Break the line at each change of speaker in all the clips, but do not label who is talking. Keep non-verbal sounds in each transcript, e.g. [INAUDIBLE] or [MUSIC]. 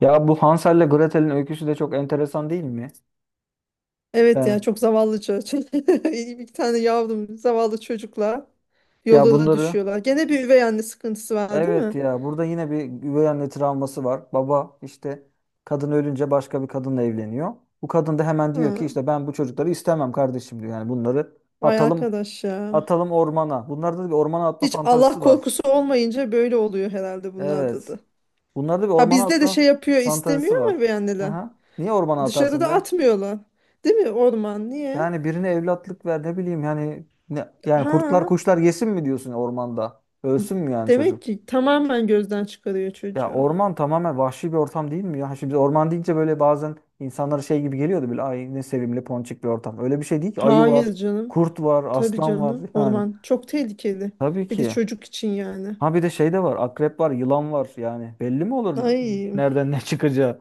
Ya bu Hansel'le Gretel'in öyküsü de çok enteresan değil mi?
Evet ya,
Ben
çok zavallı çocuk. [LAUGHS] Bir tane yavrum, zavallı çocuklar
ya
yolda da
bunları
düşüyorlar. Gene bir üvey anne sıkıntısı var değil
Evet,
mi?
ya burada yine bir üvey anne travması var. Baba işte kadın ölünce başka bir kadınla evleniyor. Bu kadın da hemen diyor ki
Hı.
işte ben bu çocukları istemem kardeşim diyor. Yani bunları
Vay
atalım
arkadaş ya.
ormana. Bunlarda da bir ormana atma
Hiç Allah
fantazisi var.
korkusu olmayınca böyle oluyor herhalde bunlarda
Evet.
da.
Bunlarda bir
Ha,
ormana
bizde de
atma
şey yapıyor,
fantazisi
istemiyor ama
var.
üvey anneler.
Aha. Niye ormana atarsın
Dışarıda
be?
atmıyorlar. Değil mi, orman niye?
Yani birine evlatlık ver ne bileyim yani ne, yani kurtlar
Ha,
kuşlar yesin mi diyorsun ormanda? Ölsün mü yani
demek
çocuk?
ki tamamen gözden çıkarıyor
Ya
çocuğu.
orman tamamen vahşi bir ortam değil mi ya? Şimdi biz orman deyince böyle bazen insanlara şey gibi geliyordu, böyle ay ne sevimli ponçik bir ortam. Öyle bir şey değil ki. Ayı var,
Hayır canım.
kurt var,
Tabii
aslan var
canım.
[LAUGHS] yani.
Orman çok tehlikeli.
Tabii
Bir de
ki.
çocuk için yani.
Ha bir de şey de var. Akrep var, yılan var yani. Belli mi olur
Ay.
nereden ne çıkacağı?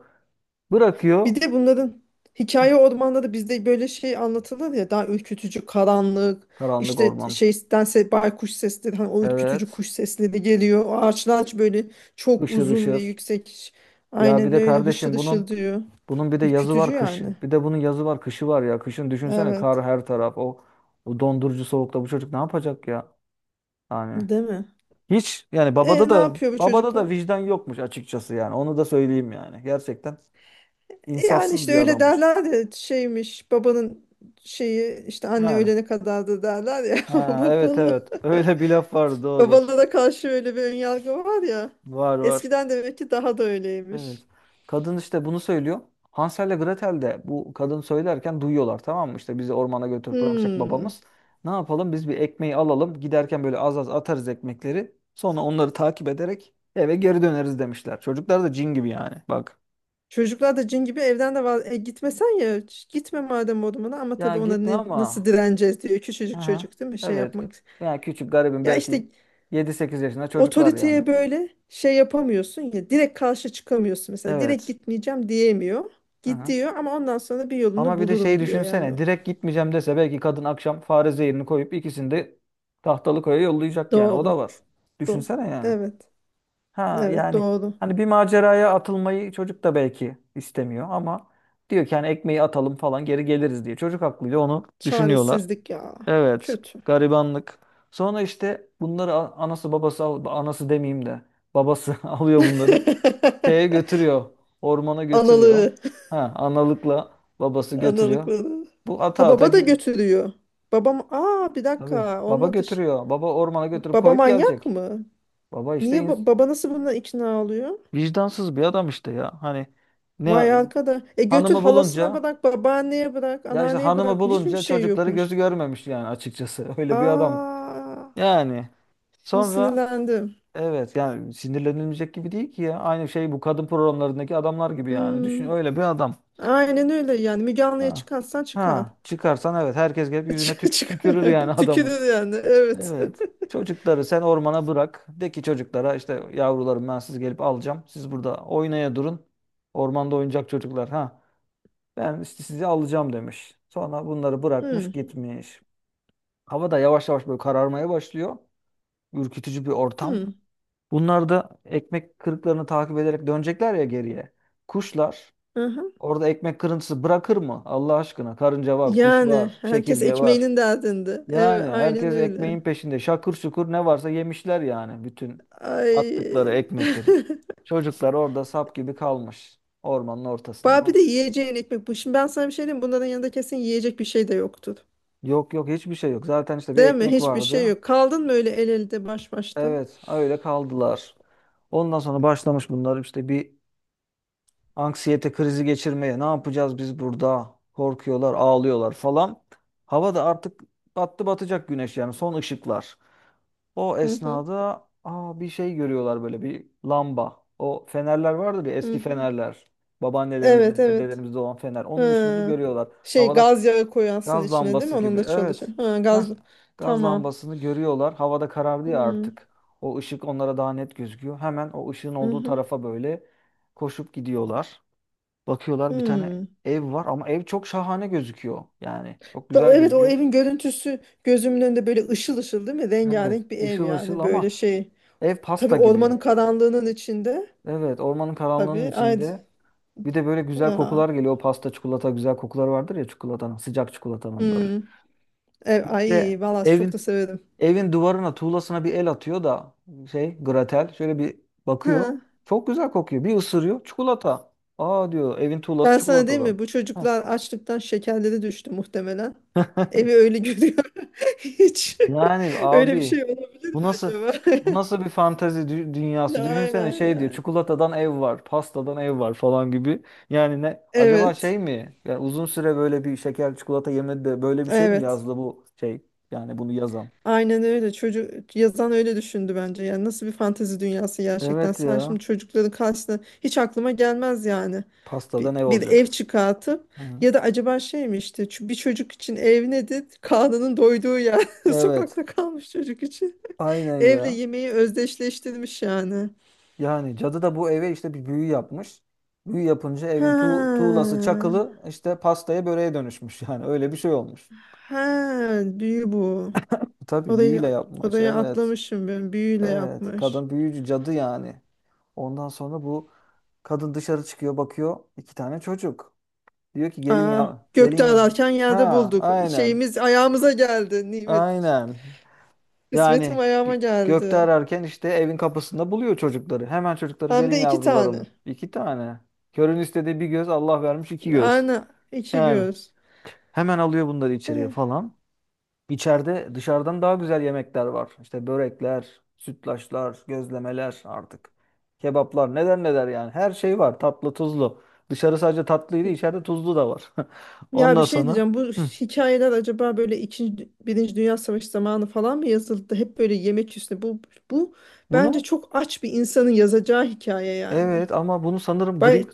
Bırakıyor
Bir de bunların hikaye ormanda da bizde böyle şey anlatılır ya, daha ürkütücü karanlık,
karanlık
işte
orman.
şeydense baykuş sesleri, hani o ürkütücü
Evet.
kuş sesleri geliyor. O ağaçlar böyle çok
Işır
uzun ve
ışır.
yüksek,
Ya bir
aynen
de
öyle hışır
kardeşim bunun
hışır diyor.
Bunun bir de yazı
Ürkütücü
var kışı.
yani.
Bir de bunun yazı var kışı var ya. Kışın düşünsene
Evet.
kar her taraf. O dondurucu soğukta bu çocuk ne yapacak ya? Yani
Değil mi?
hiç yani
E, ne yapıyor bu
babada da
çocuklar?
vicdan yokmuş açıkçası yani. Onu da söyleyeyim yani. Gerçekten
E, yani
insafsız
işte
bir
öyle
adammış.
derler ya, şeymiş babanın şeyi, işte anne
Yani.
ölene kadardı derler ya [LAUGHS]
Ha, evet
babalı.
evet. Öyle bir laf var doğru.
Babalara karşı öyle bir önyargı var ya.
Var var.
Eskiden demek ki daha da
Evet.
öyleymiş.
Kadın işte bunu söylüyor. Hansel ile Gretel de bu kadın söylerken duyuyorlar, tamam mı? İşte bizi ormana götürüp bırakacak
Hmm.
babamız. Ne yapalım? Biz bir ekmeği alalım. Giderken böyle az az atarız ekmekleri. Sonra onları takip ederek eve geri döneriz demişler. Çocuklar da cin gibi yani. Bak.
Çocuklar da cin gibi, evden de var. E, gitmesen ya, gitme madem odamına, ama
Ya
tabii ona
gitme
ne, nasıl
ama.
direneceğiz diyor. Küçücük
Aha.
çocuk, değil mi, şey
Evet.
yapmak.
Yani küçük garibim
Ya işte
belki yedi sekiz yaşında çocuklar yani.
otoriteye böyle şey yapamıyorsun ya, direkt karşı çıkamıyorsun, mesela direkt
Evet.
gitmeyeceğim diyemiyor. Gidiyor ama ondan sonra bir yolunu
Ama bir de şeyi
bulurum diyor yani.
düşünsene. Direkt gitmeyeceğim dese belki kadın akşam fare zehirini koyup ikisini de tahtalı koya yollayacak yani. O
Doğru.
da var.
Doğru.
Düşünsene yani.
Evet.
Ha
Evet,
yani
doğru.
hani bir maceraya atılmayı çocuk da belki istemiyor ama diyor ki hani ekmeği atalım falan geri geliriz diye. Çocuk aklıyla onu düşünüyorlar.
Çaresizlik ya.
Evet,
Kötü.
garibanlık. Sonra işte bunları anası babası anası demeyeyim de babası [LAUGHS] alıyor bunları şeye
[LAUGHS]
götürüyor. Ormana götürüyor.
Analığı.
Ha, analıkla babası götürüyor.
Analıkları.
Bu ata
Ha,
ata
baba da
gi-
götürüyor. Babam, aa bir
Tabii
dakika,
baba
olmadı.
götürüyor. Baba ormana götürüp
Baba
koyup
manyak
gelecek.
mı?
Baba işte
Niye
ins-
baba nasıl buna ikna oluyor?
Vicdansız bir adam işte ya. Hani
Vay
ne
arkada. E, götür
hanımı
halasına
bulunca
bırak, babaanneye bırak, anneanneye bırak. Hiçbir şey
çocukları
yokmuş.
gözü görmemiş yani açıkçası. [LAUGHS] Öyle bir adam.
Aa,
Yani
şimdi
sonra
sinirlendim.
Evet yani sinirlenilmeyecek gibi değil ki ya. Aynı şey bu kadın programlarındaki adamlar gibi yani. Düşün
Hmm,
öyle bir adam.
aynen öyle yani. Müge Anlı'ya
Ha.
çıkarsan çıkar.
Ha, çıkarsan evet herkes gelip yüzüne
[LAUGHS]
tük
Çıkar.
tükürür yani [LAUGHS] adamın.
Tükürür yani. Evet.
Evet. Çocukları sen ormana bırak. De ki çocuklara işte yavrularım ben sizi gelip alacağım. Siz burada oynaya durun. Ormanda oyuncak çocuklar ha. Ben işte sizi alacağım demiş. Sonra bunları bırakmış
Hmm,
gitmiş. Hava da yavaş yavaş böyle kararmaya başlıyor. Ürkütücü bir ortam.
hmm.
Bunlar da ekmek kırıklarını takip ederek dönecekler ya geriye. Kuşlar
Aha.
orada ekmek kırıntısı bırakır mı? Allah aşkına karınca var, kuş
Yani
var,
herkes
çekirge var.
ekmeğinin derdinde.
Yani
Evet, aynen
herkes
öyle.
ekmeğin peşinde. Şakır şukur ne varsa yemişler yani bütün
Ay.
attıkları
[LAUGHS]
ekmekleri. Çocuklar orada sap gibi kalmış ormanın ortasında.
Bir
Bak.
de yiyeceğin ekmek bu. Şimdi ben sana bir şey diyeyim. Bunların yanında kesin yiyecek bir şey de yoktur.
Yok yok hiçbir şey yok. Zaten işte bir
Değil mi?
ekmek
Hiçbir şey
vardı.
yok. Kaldın mı öyle el elde baş başta?
Evet öyle kaldılar. Ondan sonra başlamış bunlar işte bir anksiyete krizi geçirmeye. Ne yapacağız biz burada? Korkuyorlar, ağlıyorlar falan. Hava da artık battı batacak güneş yani son ışıklar. O
Hı hı.
esnada aa, bir şey görüyorlar böyle bir lamba. O fenerler vardır ya
Hı
eski
hı.
fenerler.
Evet
Babaannelerimizde,
evet.
dedelerimizde olan fener. Onun ışığını
Ha.
görüyorlar.
Şey,
Havada
gaz yağı koyarsın
gaz
içine değil mi?
lambası
Onun
gibi.
da çalışır.
Evet.
Ha,
Heh.
gaz.
Gaz
Tamam.
lambasını görüyorlar. Havada karardı
Hı
ya
hı.
artık. O ışık onlara daha net gözüküyor. Hemen o ışığın olduğu
Hı.
tarafa böyle koşup gidiyorlar. Bakıyorlar bir tane
Hı.
ev var ama ev çok şahane gözüküyor. Yani çok güzel
Evet, o
gözüküyor.
evin görüntüsü gözümün önünde böyle ışıl ışıl değil mi?
Evet,
Rengarenk bir ev
ışıl ışıl
yani, böyle
ama
şey.
ev
Tabii
pasta gibi.
ormanın karanlığının içinde.
Evet, ormanın karanlığının
Tabii. Ay
içinde. Bir de böyle güzel
ya.
kokular geliyor. O pasta, çikolata güzel kokular vardır ya çikolatanın, sıcak çikolatanın böyle.
Hmm. E,
Bir
ay
de
valla çok da
evin
severim.
Evin duvarına, tuğlasına bir el atıyor da şey, Gratel şöyle bir bakıyor.
Ha.
Çok güzel kokuyor. Bir ısırıyor çikolata. Aa diyor, evin tuğlası
Ben sana, değil
çikolatadan.
mi? Bu
Heh.
çocuklar açlıktan şekerleri düştü muhtemelen. Evi
[LAUGHS]
öyle görüyor. [LAUGHS] Hiç.
Yani
[LAUGHS] Öyle bir
abi
şey olabilir
bu
mi
nasıl
acaba? [LAUGHS]
bu nasıl bir fantezi dünyası?
Ya,
Düşünsene
aynen
şey diyor
yani.
çikolatadan ev var, pastadan ev var falan gibi. Yani ne acaba
Evet.
şey mi? Yani uzun süre böyle bir şeker çikolata yemedi de böyle bir şey mi
Evet.
yazdı bu şey? Yani bunu yazan.
Aynen öyle. Çocuk yazan öyle düşündü bence. Yani nasıl bir fantezi dünyası gerçekten?
Evet
Sen şimdi
ya.
çocukların karşısına hiç aklıma gelmez yani. Bir,
Pastadan ev
bir ev
olacak.
çıkartıp,
Hı hı.
ya da acaba şey mi, işte bir çocuk için ev nedir? Karnının doyduğu yer. [LAUGHS]
Evet.
Sokakta kalmış çocuk için.
Aynen
Evle
ya.
yemeği özdeşleştirmiş yani.
Yani cadı da bu eve işte bir büyü yapmış. Büyü yapınca evin
Ha.
tuğlası çakılı işte pastaya böreğe dönüşmüş. [LAUGHS] Yani öyle bir şey olmuş.
Ha, büyü bu.
Tabii
Orayı
büyüyle yapmış.
orayı
Evet.
atlamışım ben. Büyüyle
Evet.
yapmış.
Kadın büyücü cadı yani. Ondan sonra bu kadın dışarı çıkıyor bakıyor iki tane çocuk. Diyor ki gelin
Aa,
ya
gökte
gelin.
ararken yerde
Ha
bulduk.
aynen.
Şeyimiz ayağımıza geldi, nimet.
Aynen.
Kısmetim
Yani
ayağıma
gökte
geldi.
ararken işte evin kapısında buluyor çocukları. Hemen çocukları
Hem
gelin
de iki
yavrularım.
tane.
İki tane. Körün istediği bir göz Allah vermiş iki göz.
Aynen, iki
Yani
göz.
hemen alıyor bunları içeriye
Eh,
falan. İçeride dışarıdan daha güzel yemekler var. İşte börekler, sütlaçlar, gözlemeler artık. Kebaplar neler neler yani. Her şey var tatlı tuzlu. Dışarı sadece tatlıydı içeride tuzlu da var. [LAUGHS]
ya bir
Ondan
şey
sonra
diyeceğim. Bu
hı,
hikayeler acaba böyle ikinci, Birinci Dünya Savaşı zamanı falan mı yazıldı? Hep böyle yemek üstüne. Bu bence
bunu
çok aç bir insanın yazacağı hikaye yani.
Evet ama bunu sanırım Grimm,
Bay,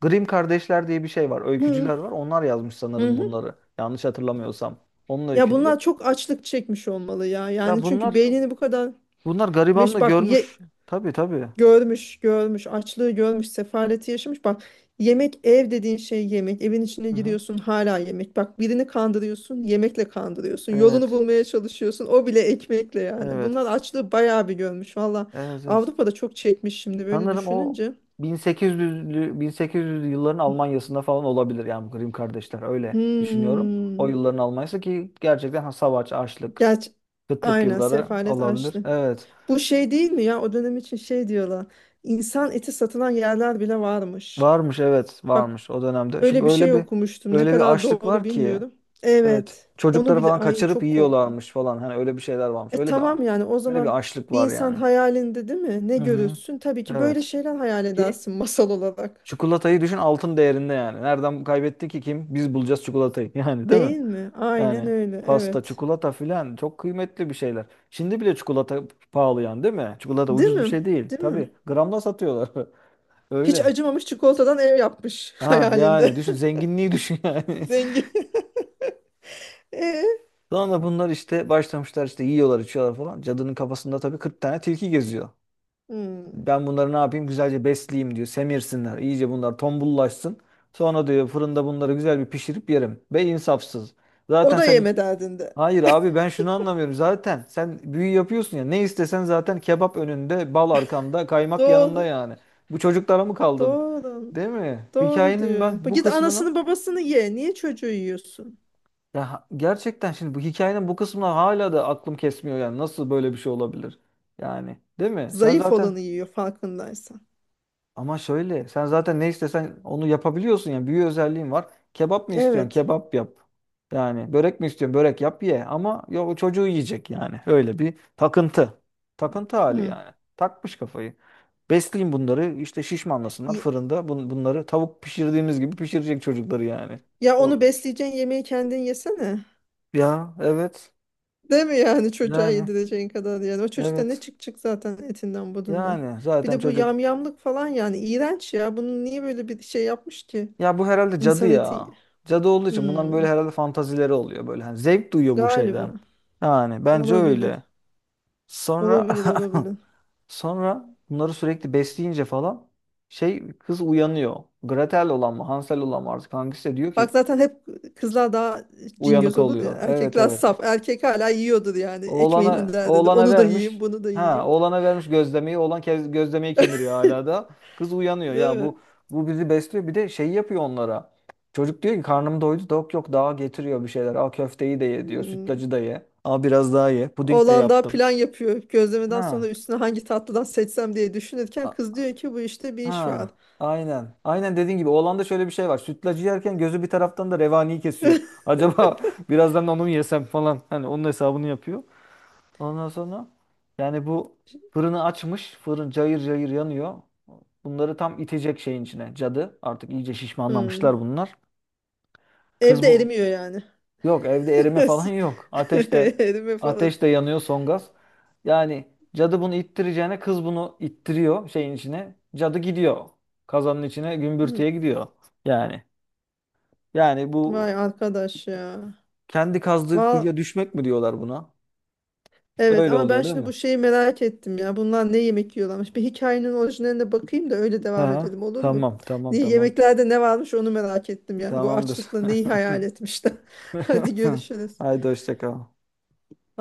Grimm kardeşler diye bir şey var.
hı,
Öykücüler var. Onlar yazmış
hı.
sanırım
Hı.
bunları. Yanlış hatırlamıyorsam. Onun
Ya
öyküleri.
bunlar çok açlık çekmiş olmalı ya.
Ya
Yani
bunlar
çünkü beynini bu kadar
Bunlar garibanlığı
bak,
görmüş. Tabii tabii.
görmüş, görmüş, açlığı görmüş, sefaleti yaşamış. Bak, yemek, ev dediğin şey yemek. Evin içine
Hı hı.
giriyorsun, hala yemek. Bak, birini kandırıyorsun, yemekle kandırıyorsun. Yolunu
Evet.
bulmaya çalışıyorsun, o bile ekmekle yani.
Evet.
Bunlar açlığı bayağı bir görmüş.
Evet, evet.
Avrupa'da çok çekmiş şimdi böyle
Sanırım o
düşününce.
1800'lü yılların Almanya'sında falan olabilir yani bu Grimm kardeşler öyle düşünüyorum. O
Hmm.
yılların Almanya'sı ki gerçekten ha, savaş, açlık,
Gerçi
kıtlık
aynen,
yılları
sefalet,
olabilir.
açlık.
Evet.
Bu şey değil mi ya, o dönem için şey diyorlar. İnsan eti satılan yerler bile varmış.
Varmış evet
Bak,
varmış o dönemde. Çünkü
öyle bir şey okumuştum. Ne
öyle bir
kadar
açlık
doğru
var ki
bilmiyorum.
evet
Evet. Onu
çocukları
bile,
falan
ay
kaçırıp
çok korkunç.
yiyorlarmış falan hani öyle bir şeyler varmış.
E tamam, yani o
Öyle bir
zaman
açlık
bir
var
insan
yani.
hayalinde, değil mi? Ne
Hı hı.
görürsün? Tabii ki böyle
Evet.
şeyler hayal
Ki
edersin [LAUGHS] masal olarak.
çikolatayı düşün altın değerinde yani. Nereden kaybetti ki kim? Biz bulacağız çikolatayı [LAUGHS] yani değil mi?
Değil mi? Aynen
Yani
öyle.
pasta,
Evet.
çikolata filan çok kıymetli bir şeyler. Şimdi bile çikolata pahalı yani değil mi? Çikolata
Değil
ucuz bir
mi?
şey değil.
Değil
Tabii
mi?
gramla satıyorlar. [LAUGHS]
Hiç
Öyle.
acımamış, çikolatadan ev yapmış [LAUGHS]
Ha yani
hayalinde.
düşün zenginliği düşün
[LAUGHS]
yani.
Zengin. [LAUGHS] E?
[LAUGHS] Sonra bunlar işte başlamışlar işte yiyorlar içiyorlar falan. Cadının kafasında tabii 40 tane tilki geziyor.
Hmm.
Ben bunları ne yapayım güzelce besleyeyim diyor. Semirsinler iyice bunlar tombullaşsın. Sonra diyor fırında bunları güzel bir pişirip yerim. Be insafsız.
O
Zaten
da
sen
yeme derdinde.
Hayır abi ben şunu anlamıyorum. Zaten sen büyü yapıyorsun ya. Ne istesen zaten kebap önünde, bal arkanda, kaymak yanında
Doğru.
yani. Bu çocuklara mı kaldın?
Doğru.
Değil mi?
Doğru
Hikayenin
diyorsun.
ben bu
Git
kısmına
anasını babasını ye. Niye çocuğu yiyorsun?
ya ha- Gerçekten şimdi bu hikayenin bu kısmına hala da aklım kesmiyor yani. Nasıl böyle bir şey olabilir? Yani değil mi? Sen
Zayıf
zaten
olanı yiyor farkındaysan.
Ama şöyle sen zaten ne istesen onu yapabiliyorsun yani büyü özelliğin var. Kebap mı istiyorsun?
Evet.
Kebap yap. Yani börek mi istiyorsun? Börek yap ye. Ama ya o çocuğu yiyecek yani. Öyle bir takıntı. Takıntı hali
Hı.
yani. Takmış kafayı. Besleyin bunları işte şişmanlasınlar
Ye-
fırında. Bunları tavuk pişirdiğimiz gibi pişirecek çocukları yani.
Ya, onu
Doğru.
besleyeceğin yemeği kendin yesene.
Ya evet.
Değil mi, yani çocuğa
Yani
yedireceğin kadar yani. O çocukta ne
evet.
çıkacak zaten, etinden budundan.
Yani
Bir
zaten
de bu
çocuk
yamyamlık falan, yani iğrenç ya. Bunu niye böyle bir şey yapmış ki?
Ya bu herhalde cadı
İnsan eti.
ya. Cadı olduğu için bunların böyle
Hmm,
herhalde fantazileri oluyor böyle. Hani zevk duyuyor bu
galiba.
şeyden. Yani bence
Olabilir.
öyle. Sonra
Olabilir, olabilir.
[LAUGHS] sonra bunları sürekli besleyince falan şey kız uyanıyor. Gretel olan mı Hansel olan mı artık hangisi de diyor
Bak
ki
zaten hep kızlar daha
uyanık
cingöz olur ya.
oluyor. Evet
Erkekler
evet.
saf. Erkek hala yiyordur yani, ekmeğinin derdinde.
Oğlana
Onu da yiyeyim,
vermiş.
bunu da
Ha,
yiyeyim.
oğlana vermiş gözlemeyi. Oğlan kez, gözlemeyi kemiriyor hala da. Kız uyanıyor.
Değil
Ya
mi?
bu bizi besliyor. Bir de şey yapıyor onlara. Çocuk diyor ki karnım doydu yok yok daha getiriyor bir şeyler. Aa köfteyi de ye diyor.
Hmm.
Sütlacı da ye. Aa biraz daha ye. Puding de
Oğlan daha
yaptım.
plan yapıyor. Gözlemeden sonra
Ha.
üstüne hangi tatlıdan seçsem diye düşünürken,
a-
kız diyor ki bu işte bir iş
Ha.
var.
Aynen. Aynen dediğin gibi oğlanda şöyle bir şey var. Sütlacı yerken gözü bir taraftan da revaniyi kesiyor. Acaba [LAUGHS] birazdan onu mu yesem falan. Hani onun hesabını yapıyor. Ondan sonra yani bu Fırını açmış. Fırın cayır cayır yanıyor. Bunları tam itecek şeyin içine. Cadı. Artık iyice
Hmm.
şişmanlamışlar bunlar. Kız
Evde
bu.
erimiyor yani.
Yok evde erime
[LAUGHS]
falan [LAUGHS] yok.
Erime falan.
Ateş de yanıyor son gaz. Yani cadı bunu ittireceğine kız bunu ittiriyor şeyin içine. Cadı gidiyor. Kazanın içine
Hmm.
gümbürtüye gidiyor. Yani yani bu
Vay arkadaş ya.
kendi kazdığı
Val,
kuyuya düşmek mi diyorlar buna?
evet,
Öyle
ama ben
oluyor değil
şimdi
mi?
bu şeyi merak ettim ya. Bunlar ne yemek yiyorlarmış? Bir hikayenin orijinaline bakayım da öyle devam
Ha,
edelim, olur mu?
tamam tamam
Niye,
tamam.
yemeklerde ne varmış onu merak ettim yani. Bu
Tamamdır.
açlıkla neyi hayal etmişler. [LAUGHS] Hadi
[LAUGHS]
görüşürüz.
Haydi hoşça kal.